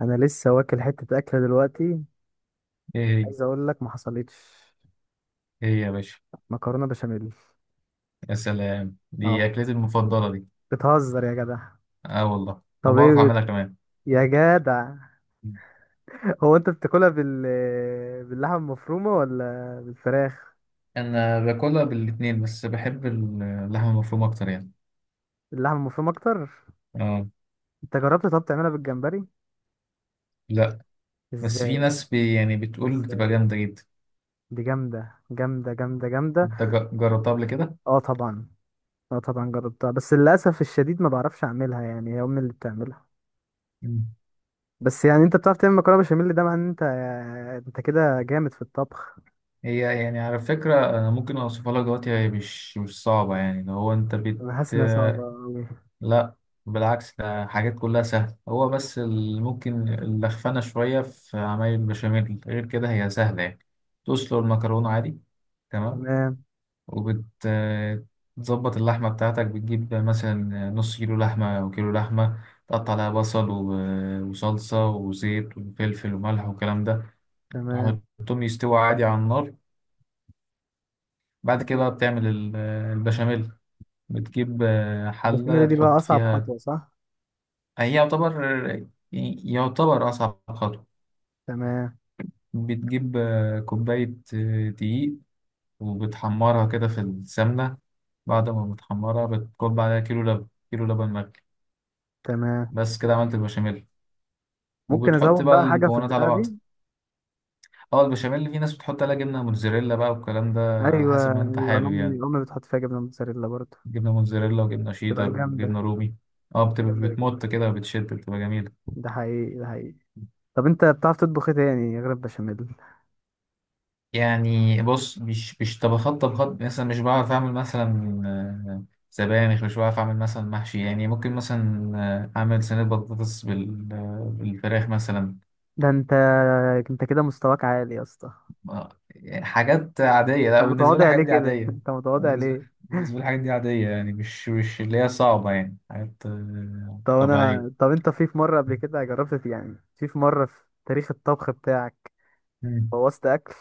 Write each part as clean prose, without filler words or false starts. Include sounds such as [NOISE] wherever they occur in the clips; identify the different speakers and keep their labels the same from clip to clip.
Speaker 1: انا لسه واكل حته اكله دلوقتي.
Speaker 2: ايه هي؟
Speaker 1: عايز اقول لك ما حصلتش.
Speaker 2: ايه يا باشا؟
Speaker 1: مكرونه بشاميل.
Speaker 2: يا سلام، دي
Speaker 1: اه،
Speaker 2: اكلتي المفضله دي.
Speaker 1: بتهزر يا جدع؟
Speaker 2: اه والله،
Speaker 1: طب ايه
Speaker 2: وبعرف اعملها كمان.
Speaker 1: يا جدع. [LAUGHS] هو انت بتاكلها باللحمه المفرومه ولا بالفراخ؟
Speaker 2: انا باكلها بالاتنين بس بحب اللحمه المفرومه اكتر يعني.
Speaker 1: اللحمه المفرومه اكتر.
Speaker 2: اه.
Speaker 1: انت جربت طب تعملها بالجمبري؟
Speaker 2: لا. بس في
Speaker 1: ازاي؟
Speaker 2: ناس يعني بتقول
Speaker 1: ازاي
Speaker 2: بتبقى جامده جدا.
Speaker 1: دي جامده جامده جامده جامده.
Speaker 2: انت جربتها قبل كده؟
Speaker 1: اه طبعا اه طبعا جربتها، بس للاسف الشديد ما بعرفش اعملها، يعني هي امي اللي بتعملها.
Speaker 2: مم.
Speaker 1: بس يعني انت بتعرف تعمل مكرونه بشاميل، ده معناه ان انت كده جامد في الطبخ.
Speaker 2: هي يعني على فكره، أنا ممكن اوصفها لك دلوقتي، هي مش صعبه يعني، لو هو انت.
Speaker 1: انا حاسس انها صعبة أوي.
Speaker 2: لا. بالعكس، ده حاجات كلها سهلة، هو بس اللي ممكن اللخفنة شوية في عمايل البشاميل، غير كده هي سهلة يعني. تسلق المكرونة عادي. تمام.
Speaker 1: تمام
Speaker 2: وبتظبط اللحمة بتاعتك، بتجيب مثلا نص كيلو لحمة أو كيلو لحمة. تقطع عليها بصل وصلصة وزيت وفلفل وملح والكلام ده.
Speaker 1: تمام.
Speaker 2: تحطهم يستووا عادي على النار. بعد كده بقى بتعمل البشاميل. بتجيب
Speaker 1: البشاميل
Speaker 2: حلة
Speaker 1: دي بقى
Speaker 2: تحط
Speaker 1: اصعب
Speaker 2: فيها.
Speaker 1: خطوة، صح؟
Speaker 2: هي يعتبر يعني، يعتبر أصعب خطوة.
Speaker 1: تمام.
Speaker 2: بتجيب كوباية دقيق، وبتحمرها كده في السمنة. بعد ما بتحمرها بتكب عليها كيلو لبن، كيلو لبن مغلي.
Speaker 1: تمام.
Speaker 2: بس كده عملت البشاميل.
Speaker 1: ممكن
Speaker 2: وبتحط
Speaker 1: ازود
Speaker 2: بقى
Speaker 1: بقى حاجة في
Speaker 2: المكونات على
Speaker 1: البتاعة
Speaker 2: بعض.
Speaker 1: دي؟
Speaker 2: اه، البشاميل في ناس بتحط عليها جبنة موتزاريلا بقى والكلام ده. على
Speaker 1: ايوه
Speaker 2: حسب ما انت
Speaker 1: ايوه، انا
Speaker 2: حابب
Speaker 1: امي
Speaker 2: يعني.
Speaker 1: امي بتحط فيها جبنة موتزاريلا برضه.
Speaker 2: جبنة موتزاريلا وجبنة
Speaker 1: تبقى
Speaker 2: شيدر
Speaker 1: جامدة.
Speaker 2: وجبنة رومي. اه، بتبقى
Speaker 1: جامدة الجبنة
Speaker 2: بتمط كده
Speaker 1: الموتزاريلا.
Speaker 2: وبتشد، بتبقى جميلة.
Speaker 1: ده حقيقي ده حقيقي. طب انت بتعرف تطبخ ايه تاني غير البشاميل؟
Speaker 2: يعني بص، مش طبخات طبخات مثلا، مش بعرف اعمل مثلا آه، سبانخ، مش بعرف اعمل مثلا محشي، يعني ممكن مثلا اعمل صينية بطاطس بالفراخ مثلا.
Speaker 1: ده انت كده مستواك عالي يا اسطى.
Speaker 2: يعني حاجات عادية، لا
Speaker 1: انت
Speaker 2: بالنسبة لي
Speaker 1: متواضع ليه
Speaker 2: الحاجات دي
Speaker 1: كده؟ [LAUGHS]
Speaker 2: عادية.
Speaker 1: انت متواضع
Speaker 2: بالنسبة لي
Speaker 1: ليه؟
Speaker 2: بالنسبة لي الحاجات دي عادية يعني، مش اللي هي صعبة يعني، حاجات طبيعية.
Speaker 1: طب انت في مرة قبل كده جربت يعني، في مرة في تاريخ الطبخ بتاعك
Speaker 2: مم.
Speaker 1: بوظت اكل؟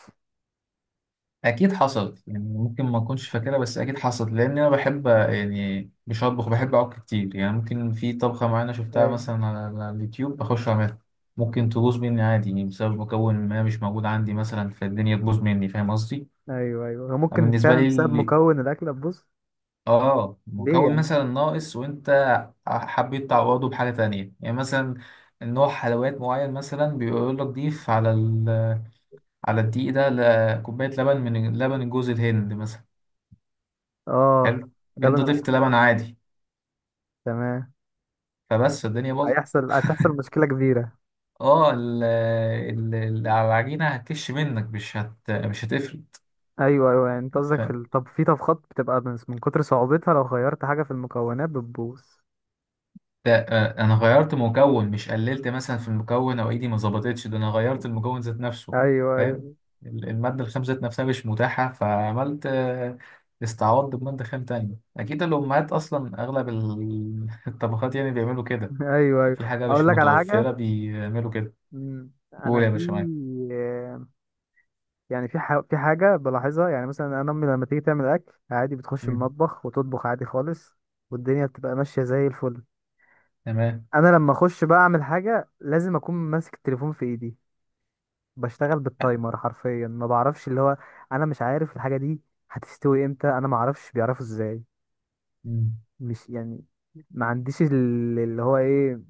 Speaker 2: اكيد حصلت يعني، ممكن ما اكونش فاكرها بس اكيد حصلت، لان انا بحب يعني مش اطبخ، بحب اعك كتير يعني. ممكن في طبخه معينه شفتها
Speaker 1: أيوة.
Speaker 2: مثلا على اليوتيوب، بخش اعملها. ممكن تبوظ مني عادي يعني، بسبب مكون ما مش موجود عندي مثلا، فالدنيا تبوظ مني، فاهم قصدي؟
Speaker 1: ايوه ايوه، هو ممكن
Speaker 2: بالنسبه
Speaker 1: فعلا
Speaker 2: لي
Speaker 1: بسبب
Speaker 2: اللي-
Speaker 1: مكون الاكل تبوظ.
Speaker 2: اه،
Speaker 1: ليه
Speaker 2: مكون
Speaker 1: يعني؟
Speaker 2: مثلا ناقص وانت حبيت تعوضه بحاجه تانية، يعني مثلا نوع حلويات معين مثلا بيقول لك ضيف على الدقيق ده كوبايه لبن من لبن جوز الهند مثلا.
Speaker 1: اه.
Speaker 2: حلو.
Speaker 1: لبن
Speaker 2: انت ضفت
Speaker 1: العسل.
Speaker 2: لبن عادي،
Speaker 1: تمام.
Speaker 2: فبس الدنيا باظت.
Speaker 1: هتحصل مشكله كبيره.
Speaker 2: اه، العجينه هتكش منك، مش هتفرق.
Speaker 1: ايوه ايوه، يعني انت
Speaker 2: ف
Speaker 1: قصدك طب في طبخات بتبقى من كتر صعوبتها لو غيرت حاجه في المكونات بتبوظ؟
Speaker 2: ده انا غيرت مكون، مش قللت مثلا في المكون او ايدي ما ظبطتش، ده انا غيرت المكون ذات نفسه.
Speaker 1: ايوه ايوه.
Speaker 2: فاهم؟
Speaker 1: [LAUGHS]
Speaker 2: الماده الخام ذات نفسها مش متاحه، فعملت استعوضت بماده خام تانية. اكيد الامهات اصلا اغلب [LAUGHS] الطبخات يعني بيعملوا كده.
Speaker 1: ايوه ايوه،
Speaker 2: في حاجه
Speaker 1: اقول
Speaker 2: مش
Speaker 1: لك على حاجه.
Speaker 2: متوفره بيعملوا كده.
Speaker 1: انا
Speaker 2: قول يا
Speaker 1: في
Speaker 2: باشا معاك.
Speaker 1: يعني في حاجه بلاحظها، يعني مثلا انا امي لما تيجي تعمل اكل عادي بتخش
Speaker 2: مم.
Speaker 1: المطبخ وتطبخ عادي خالص، والدنيا بتبقى ماشيه زي الفل.
Speaker 2: تمام.
Speaker 1: انا لما اخش بقى اعمل حاجه لازم اكون ماسك التليفون في ايدي، بشتغل بالتايمر حرفيا، ما بعرفش اللي هو، انا مش عارف الحاجه دي هتستوي امتى، انا ما اعرفش بيعرفوا ازاي.
Speaker 2: مم.
Speaker 1: مش يعني، ما عنديش اللي هو ايه،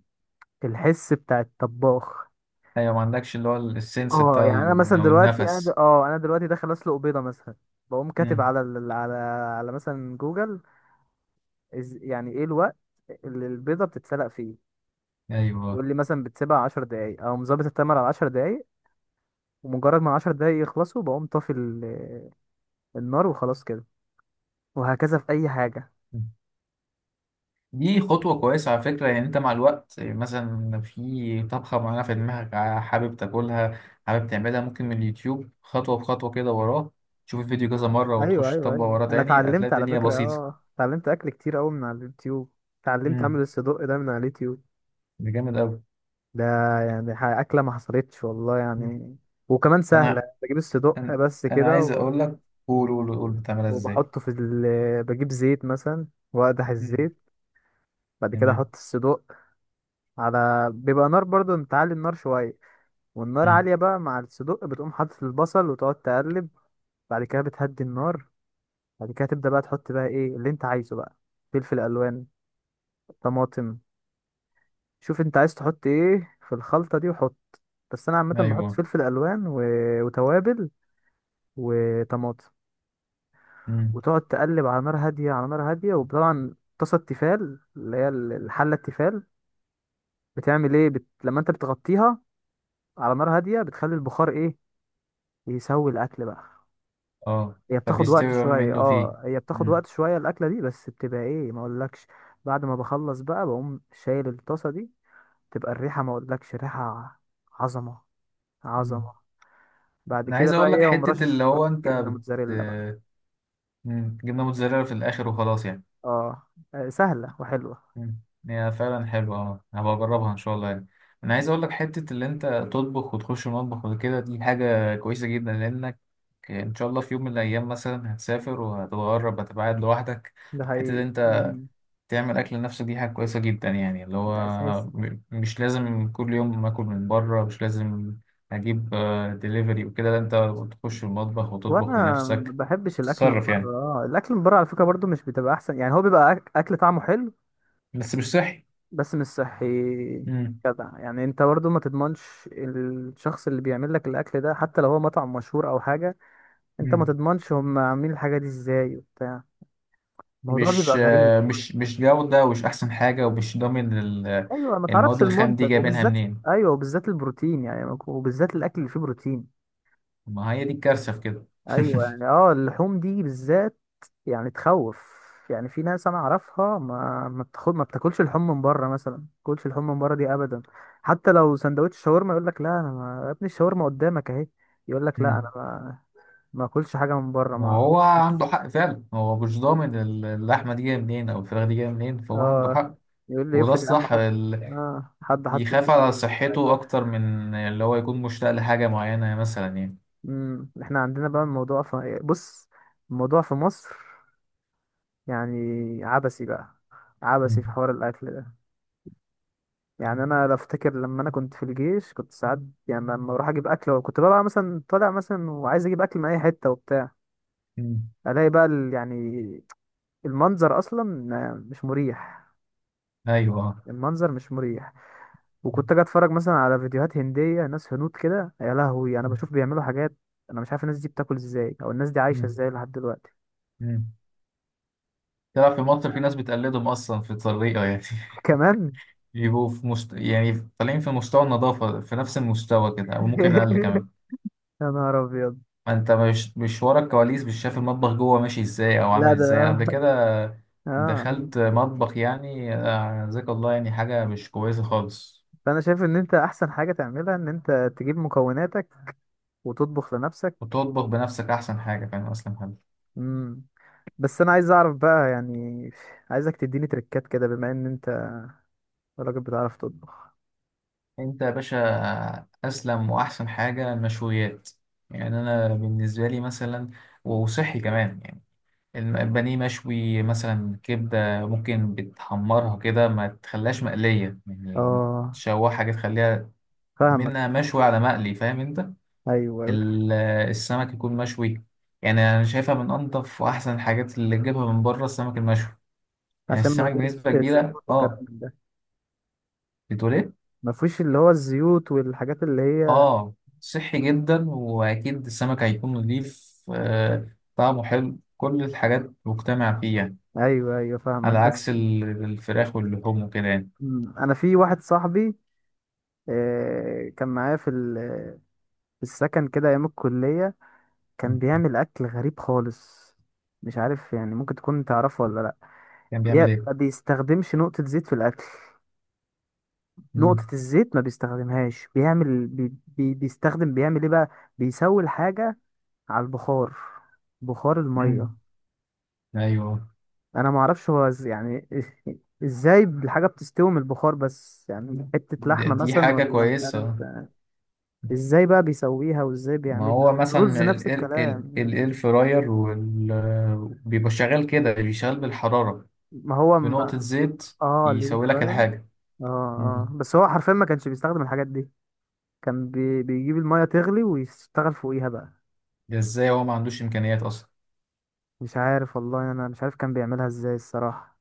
Speaker 1: الحس بتاع الطباخ.
Speaker 2: ايوه ما عندكش اللي هو السنس
Speaker 1: اه،
Speaker 2: بتاع
Speaker 1: يعني انا مثلا
Speaker 2: او
Speaker 1: دلوقتي انا د...
Speaker 2: النفس.
Speaker 1: اه انا دلوقتي داخل اسلق بيضه مثلا، بقوم كاتب
Speaker 2: امم.
Speaker 1: على ال... على على مثلا جوجل، يعني ايه الوقت اللي البيضه بتتسلق فيه،
Speaker 2: ايوه،
Speaker 1: يقول لي مثلا بتسيبها 10 دقايق او مظبط التايمر على 10 دقايق، ومجرد ما عشر دقايق يخلصوا بقوم طافي النار وخلاص كده. وهكذا في اي حاجة.
Speaker 2: دي خطوة كويسة على فكرة. يعني انت مع الوقت مثلا في طبخة معينة في دماغك حابب تاكلها، حابب تعملها ممكن من اليوتيوب خطوة بخطوة كده وراه، تشوف الفيديو كذا مرة
Speaker 1: ايوه
Speaker 2: وتخش
Speaker 1: ايوه
Speaker 2: تطبق
Speaker 1: ايوه،
Speaker 2: وراه
Speaker 1: انا
Speaker 2: تاني، هتلاقي
Speaker 1: اتعلمت على
Speaker 2: الدنيا
Speaker 1: فكرة،
Speaker 2: بسيطة.
Speaker 1: اتعلمت اكل كتير قوي من على اليوتيوب. اتعلمت اعمل
Speaker 2: امم.
Speaker 1: الصدق ده من على اليوتيوب.
Speaker 2: ده جامد أوي.
Speaker 1: ده يعني اكلة ما حصلتش والله
Speaker 2: مم.
Speaker 1: يعني، وكمان سهلة.
Speaker 2: انا
Speaker 1: بجيب الصدق
Speaker 2: انا
Speaker 1: بس
Speaker 2: أنا
Speaker 1: كده
Speaker 2: عايز اقول لك. قول قول قول، بتعملها ازاي؟
Speaker 1: وبحطه بجيب زيت مثلا واقدح
Speaker 2: مم.
Speaker 1: الزيت، بعد كده
Speaker 2: تمام.
Speaker 1: احط الصدق على، بيبقى نار برضو انت عالي النار شوية، والنار
Speaker 2: مم.
Speaker 1: عالية بقى مع الصدق، بتقوم حاطط البصل وتقعد تقلب. بعد كده بتهدي النار، بعد كده تبدأ بقى تحط بقى ايه اللي انت عايزه بقى، فلفل الوان، طماطم. شوف انت عايز تحط ايه في الخلطة دي وحط، بس انا عامة بحط
Speaker 2: ايوه.
Speaker 1: فلفل الوان وتوابل وطماطم،
Speaker 2: مم.
Speaker 1: وتقعد تقلب على نار هادية، على نار هادية، وطبعا طاسة التيفال اللي هي الحلة التيفال بتعمل ايه لما انت بتغطيها على نار هادية بتخلي البخار ايه يسوي الاكل بقى.
Speaker 2: اه. فبيستوي بقى منه فيه.
Speaker 1: هي بتاخد وقت شوية الأكلة دي، بس بتبقى ايه ما اقولكش. بعد ما بخلص بقى، بقوم شايل الطاسة دي، تبقى الريحة ما اقولكش، ريحة عظمة
Speaker 2: مم.
Speaker 1: عظمة. بعد
Speaker 2: انا
Speaker 1: كده
Speaker 2: عايز
Speaker 1: بقى
Speaker 2: اقول لك
Speaker 1: ايه، اقوم
Speaker 2: حتة
Speaker 1: رشش
Speaker 2: اللي
Speaker 1: شوية
Speaker 2: هو انت
Speaker 1: جبنة موتزاريلا بقى.
Speaker 2: بت مم، جبنة موتزاريلا في الاخر وخلاص يعني.
Speaker 1: اه سهلة وحلوة.
Speaker 2: مم، هي فعلا حلوة، اه هبقى اجربها ان شاء الله يعني. انا عايز اقول لك حتة اللي انت تطبخ وتخش المطبخ وكده، دي حاجة كويسة جدا، لانك ان شاء الله في يوم من الايام مثلا هتسافر وهتتغرب، هتبقى قاعد لوحدك.
Speaker 1: ده
Speaker 2: حتة اللي
Speaker 1: حقيقي.
Speaker 2: انت
Speaker 1: مم.
Speaker 2: تعمل أكل لنفسك دي حاجة كويسة جدا يعني، اللي هو
Speaker 1: ده اساسي.
Speaker 2: مش لازم كل يوم آكل من بره، مش لازم أجيب ديليفري وكده، لا أنت تخش المطبخ وتطبخ
Speaker 1: وانا ما
Speaker 2: لنفسك.
Speaker 1: بحبش الاكل من
Speaker 2: تتصرف
Speaker 1: بره،
Speaker 2: يعني.
Speaker 1: الاكل من بره على فكرة برضو مش بتبقى احسن، يعني هو بيبقى اكل طعمه حلو
Speaker 2: بس مش صحي.
Speaker 1: بس مش صحي.
Speaker 2: مم.
Speaker 1: جدع يعني انت برضو ما تضمنش الشخص اللي بيعمل لك الاكل ده، حتى لو هو مطعم مشهور او حاجه، انت ما
Speaker 2: مم.
Speaker 1: تضمنش هم عاملين الحاجه دي ازاي وبتاع، الموضوع
Speaker 2: مش
Speaker 1: بيبقى غريب.
Speaker 2: آه، مش مش جودة، ومش أحسن حاجة، ومش ضامن
Speaker 1: ايوه، ما تعرفش
Speaker 2: المواد الخام دي
Speaker 1: المنتج
Speaker 2: جايبينها
Speaker 1: وبالذات.
Speaker 2: منين.
Speaker 1: ايوه وبالذات البروتين، يعني وبالذات الاكل اللي فيه بروتين.
Speaker 2: ما هي دي الكارثة في كده.
Speaker 1: ايوه يعني،
Speaker 2: [LAUGHS]
Speaker 1: اللحوم دي بالذات يعني تخوف. يعني في ناس انا اعرفها ما بتاخد، ما بتاكلش لحوم من بره مثلا، ما بتاكلش لحوم من بره دي ابدا، حتى لو سندوتش شاورما يقول لك لا انا ما...، يا ابني الشاورما قدامك اهي، يقول لك لا
Speaker 2: مم.
Speaker 1: انا ما اكلش حاجه من بره ما
Speaker 2: وهو
Speaker 1: أعرفش.
Speaker 2: عنده حق فعلا، هو مش ضامن اللحمة دي جاية منين أو الفراخ دي جاية منين، فهو عنده
Speaker 1: اه،
Speaker 2: حق.
Speaker 1: يقول لي
Speaker 2: وده
Speaker 1: يفرض يا عم،
Speaker 2: الصح.
Speaker 1: حد حط
Speaker 2: بيخاف
Speaker 1: ايده
Speaker 2: على
Speaker 1: عليه ولا
Speaker 2: صحته
Speaker 1: حاجه.
Speaker 2: أكتر من اللي هو يكون مشتاق لحاجة معينة مثلا يعني.
Speaker 1: احنا عندنا بقى الموضوع في بص، الموضوع في مصر يعني عبثي بقى،
Speaker 2: مم.
Speaker 1: عبثي في حوار الاكل ده. يعني انا بفتكر لما انا كنت في الجيش كنت ساعات، يعني لما اروح اجيب اكل، وكنت ببقى مثلا طالع مثلا وعايز اجيب اكل من اي حته وبتاع،
Speaker 2: مم.
Speaker 1: الاقي بقى يعني المنظر اصلا مش مريح،
Speaker 2: أيوه.
Speaker 1: المنظر مش مريح. وكنت اجي اتفرج مثلا على فيديوهات هنديه، ناس هنود كده، يا لهوي انا بشوف بيعملوا حاجات انا مش عارف الناس دي بتاكل ازاي، او الناس دي عايشه
Speaker 2: مم.
Speaker 1: ازاي لحد دلوقتي.
Speaker 2: مم. تلعب في مصر في ناس
Speaker 1: [LAUGHS]
Speaker 2: بتقلدهم أصلا في الطريقة يعني.
Speaker 1: كمان.
Speaker 2: [LAUGHS] بيبقوا في يعني طالعين في مستوى النظافة في نفس المستوى كده، أو ممكن أقل
Speaker 1: [LAUGHS]
Speaker 2: كمان.
Speaker 1: يا نهار ابيض.
Speaker 2: ما أنت مش ورا الكواليس، مش شايف المطبخ جوه ماشي إزاي أو
Speaker 1: لا،
Speaker 2: عامل
Speaker 1: ده
Speaker 2: إزاي قبل كده.
Speaker 1: اه
Speaker 2: دخلت مطبخ يعني جزاك الله، يعني حاجة مش كويسة خالص.
Speaker 1: فانا شايف ان انت احسن حاجه تعملها ان انت تجيب مكوناتك وتطبخ لنفسك.
Speaker 2: وتطبخ بنفسك أحسن حاجة، فاهم أصلا.
Speaker 1: امم بس انا عايز اعرف بقى يعني، عايزك تديني تريكات كده بما ان انت راجل بتعرف تطبخ.
Speaker 2: انت يا باشا، اسلم واحسن حاجه المشويات. يعني انا بالنسبه لي مثلا، وصحي كمان يعني. البانيه مشوي مثلا، كبده ممكن بتحمرها كده ما تخليهاش مقليه يعني.
Speaker 1: اه،
Speaker 2: تشوحها كده تخليها
Speaker 1: فاهمك.
Speaker 2: منها مشوي على مقلي، فاهم انت؟
Speaker 1: ايوه ايوه،
Speaker 2: ال- السمك يكون مشوي. يعني انا شايفها من انضف واحسن الحاجات اللي تجيبها من بره السمك المشوي. يعني
Speaker 1: عشان ما
Speaker 2: السمك
Speaker 1: فيش
Speaker 2: بنسبه كبيره،
Speaker 1: زيوت وكلام
Speaker 2: اه.
Speaker 1: من ده.
Speaker 2: بتقول إيه؟
Speaker 1: ما فيش اللي هو الزيوت والحاجات اللي هي.
Speaker 2: اه صحي جدا، واكيد السمك هيكون نضيف، آه طعمه حلو، كل الحاجات مجتمع فيها.
Speaker 1: ايوه ايوه، فاهمك
Speaker 2: على عكس
Speaker 1: بس.
Speaker 2: الفراخ واللحوم وكده يعني.
Speaker 1: مم. انا في واحد صاحبي، كان معايا في السكن كده ايام الكلية، كان
Speaker 2: مم.
Speaker 1: بيعمل اكل غريب خالص، مش عارف يعني ممكن تكون تعرفه ولا لا.
Speaker 2: كان بيعمل
Speaker 1: ما
Speaker 2: ايه؟
Speaker 1: بيستخدمش نقطة زيت في الاكل،
Speaker 2: مم.
Speaker 1: نقطة الزيت ما بيستخدمهاش، بيعمل بي بي بيستخدم بيعمل ايه بقى، بيسوي الحاجة على البخار، بخار المية.
Speaker 2: مم. ايوه.
Speaker 1: انا ما اعرفش هو يعني ازاي الحاجة بتستوي من البخار بس، يعني حتة
Speaker 2: دي
Speaker 1: لحمة
Speaker 2: دي
Speaker 1: مثلا
Speaker 2: حاجة
Speaker 1: ولا مش
Speaker 2: كويسة.
Speaker 1: عارف. ازاي بقى بيسويها وازاي
Speaker 2: ما
Speaker 1: بيعملها
Speaker 2: هو
Speaker 1: الرز
Speaker 2: مثلا
Speaker 1: نفس
Speaker 2: الاير،
Speaker 1: الكلام يعني.
Speaker 2: الاير فراير بيبقى شغال كده، بيشغل بالحرارة
Speaker 1: ما هو
Speaker 2: بنقطة
Speaker 1: ما
Speaker 2: زيت،
Speaker 1: اه اللي
Speaker 2: يسوي لك
Speaker 1: فعلا
Speaker 2: الحاجة.
Speaker 1: اه
Speaker 2: مم.
Speaker 1: بس هو حرفيا ما كانش بيستخدم الحاجات دي، كان بيجيب المية تغلي ويشتغل فوقيها بقى.
Speaker 2: ده ازاي هو ما عندوش امكانيات اصلا؟
Speaker 1: مش عارف والله، انا مش عارف كان بيعملها ازاي الصراحة.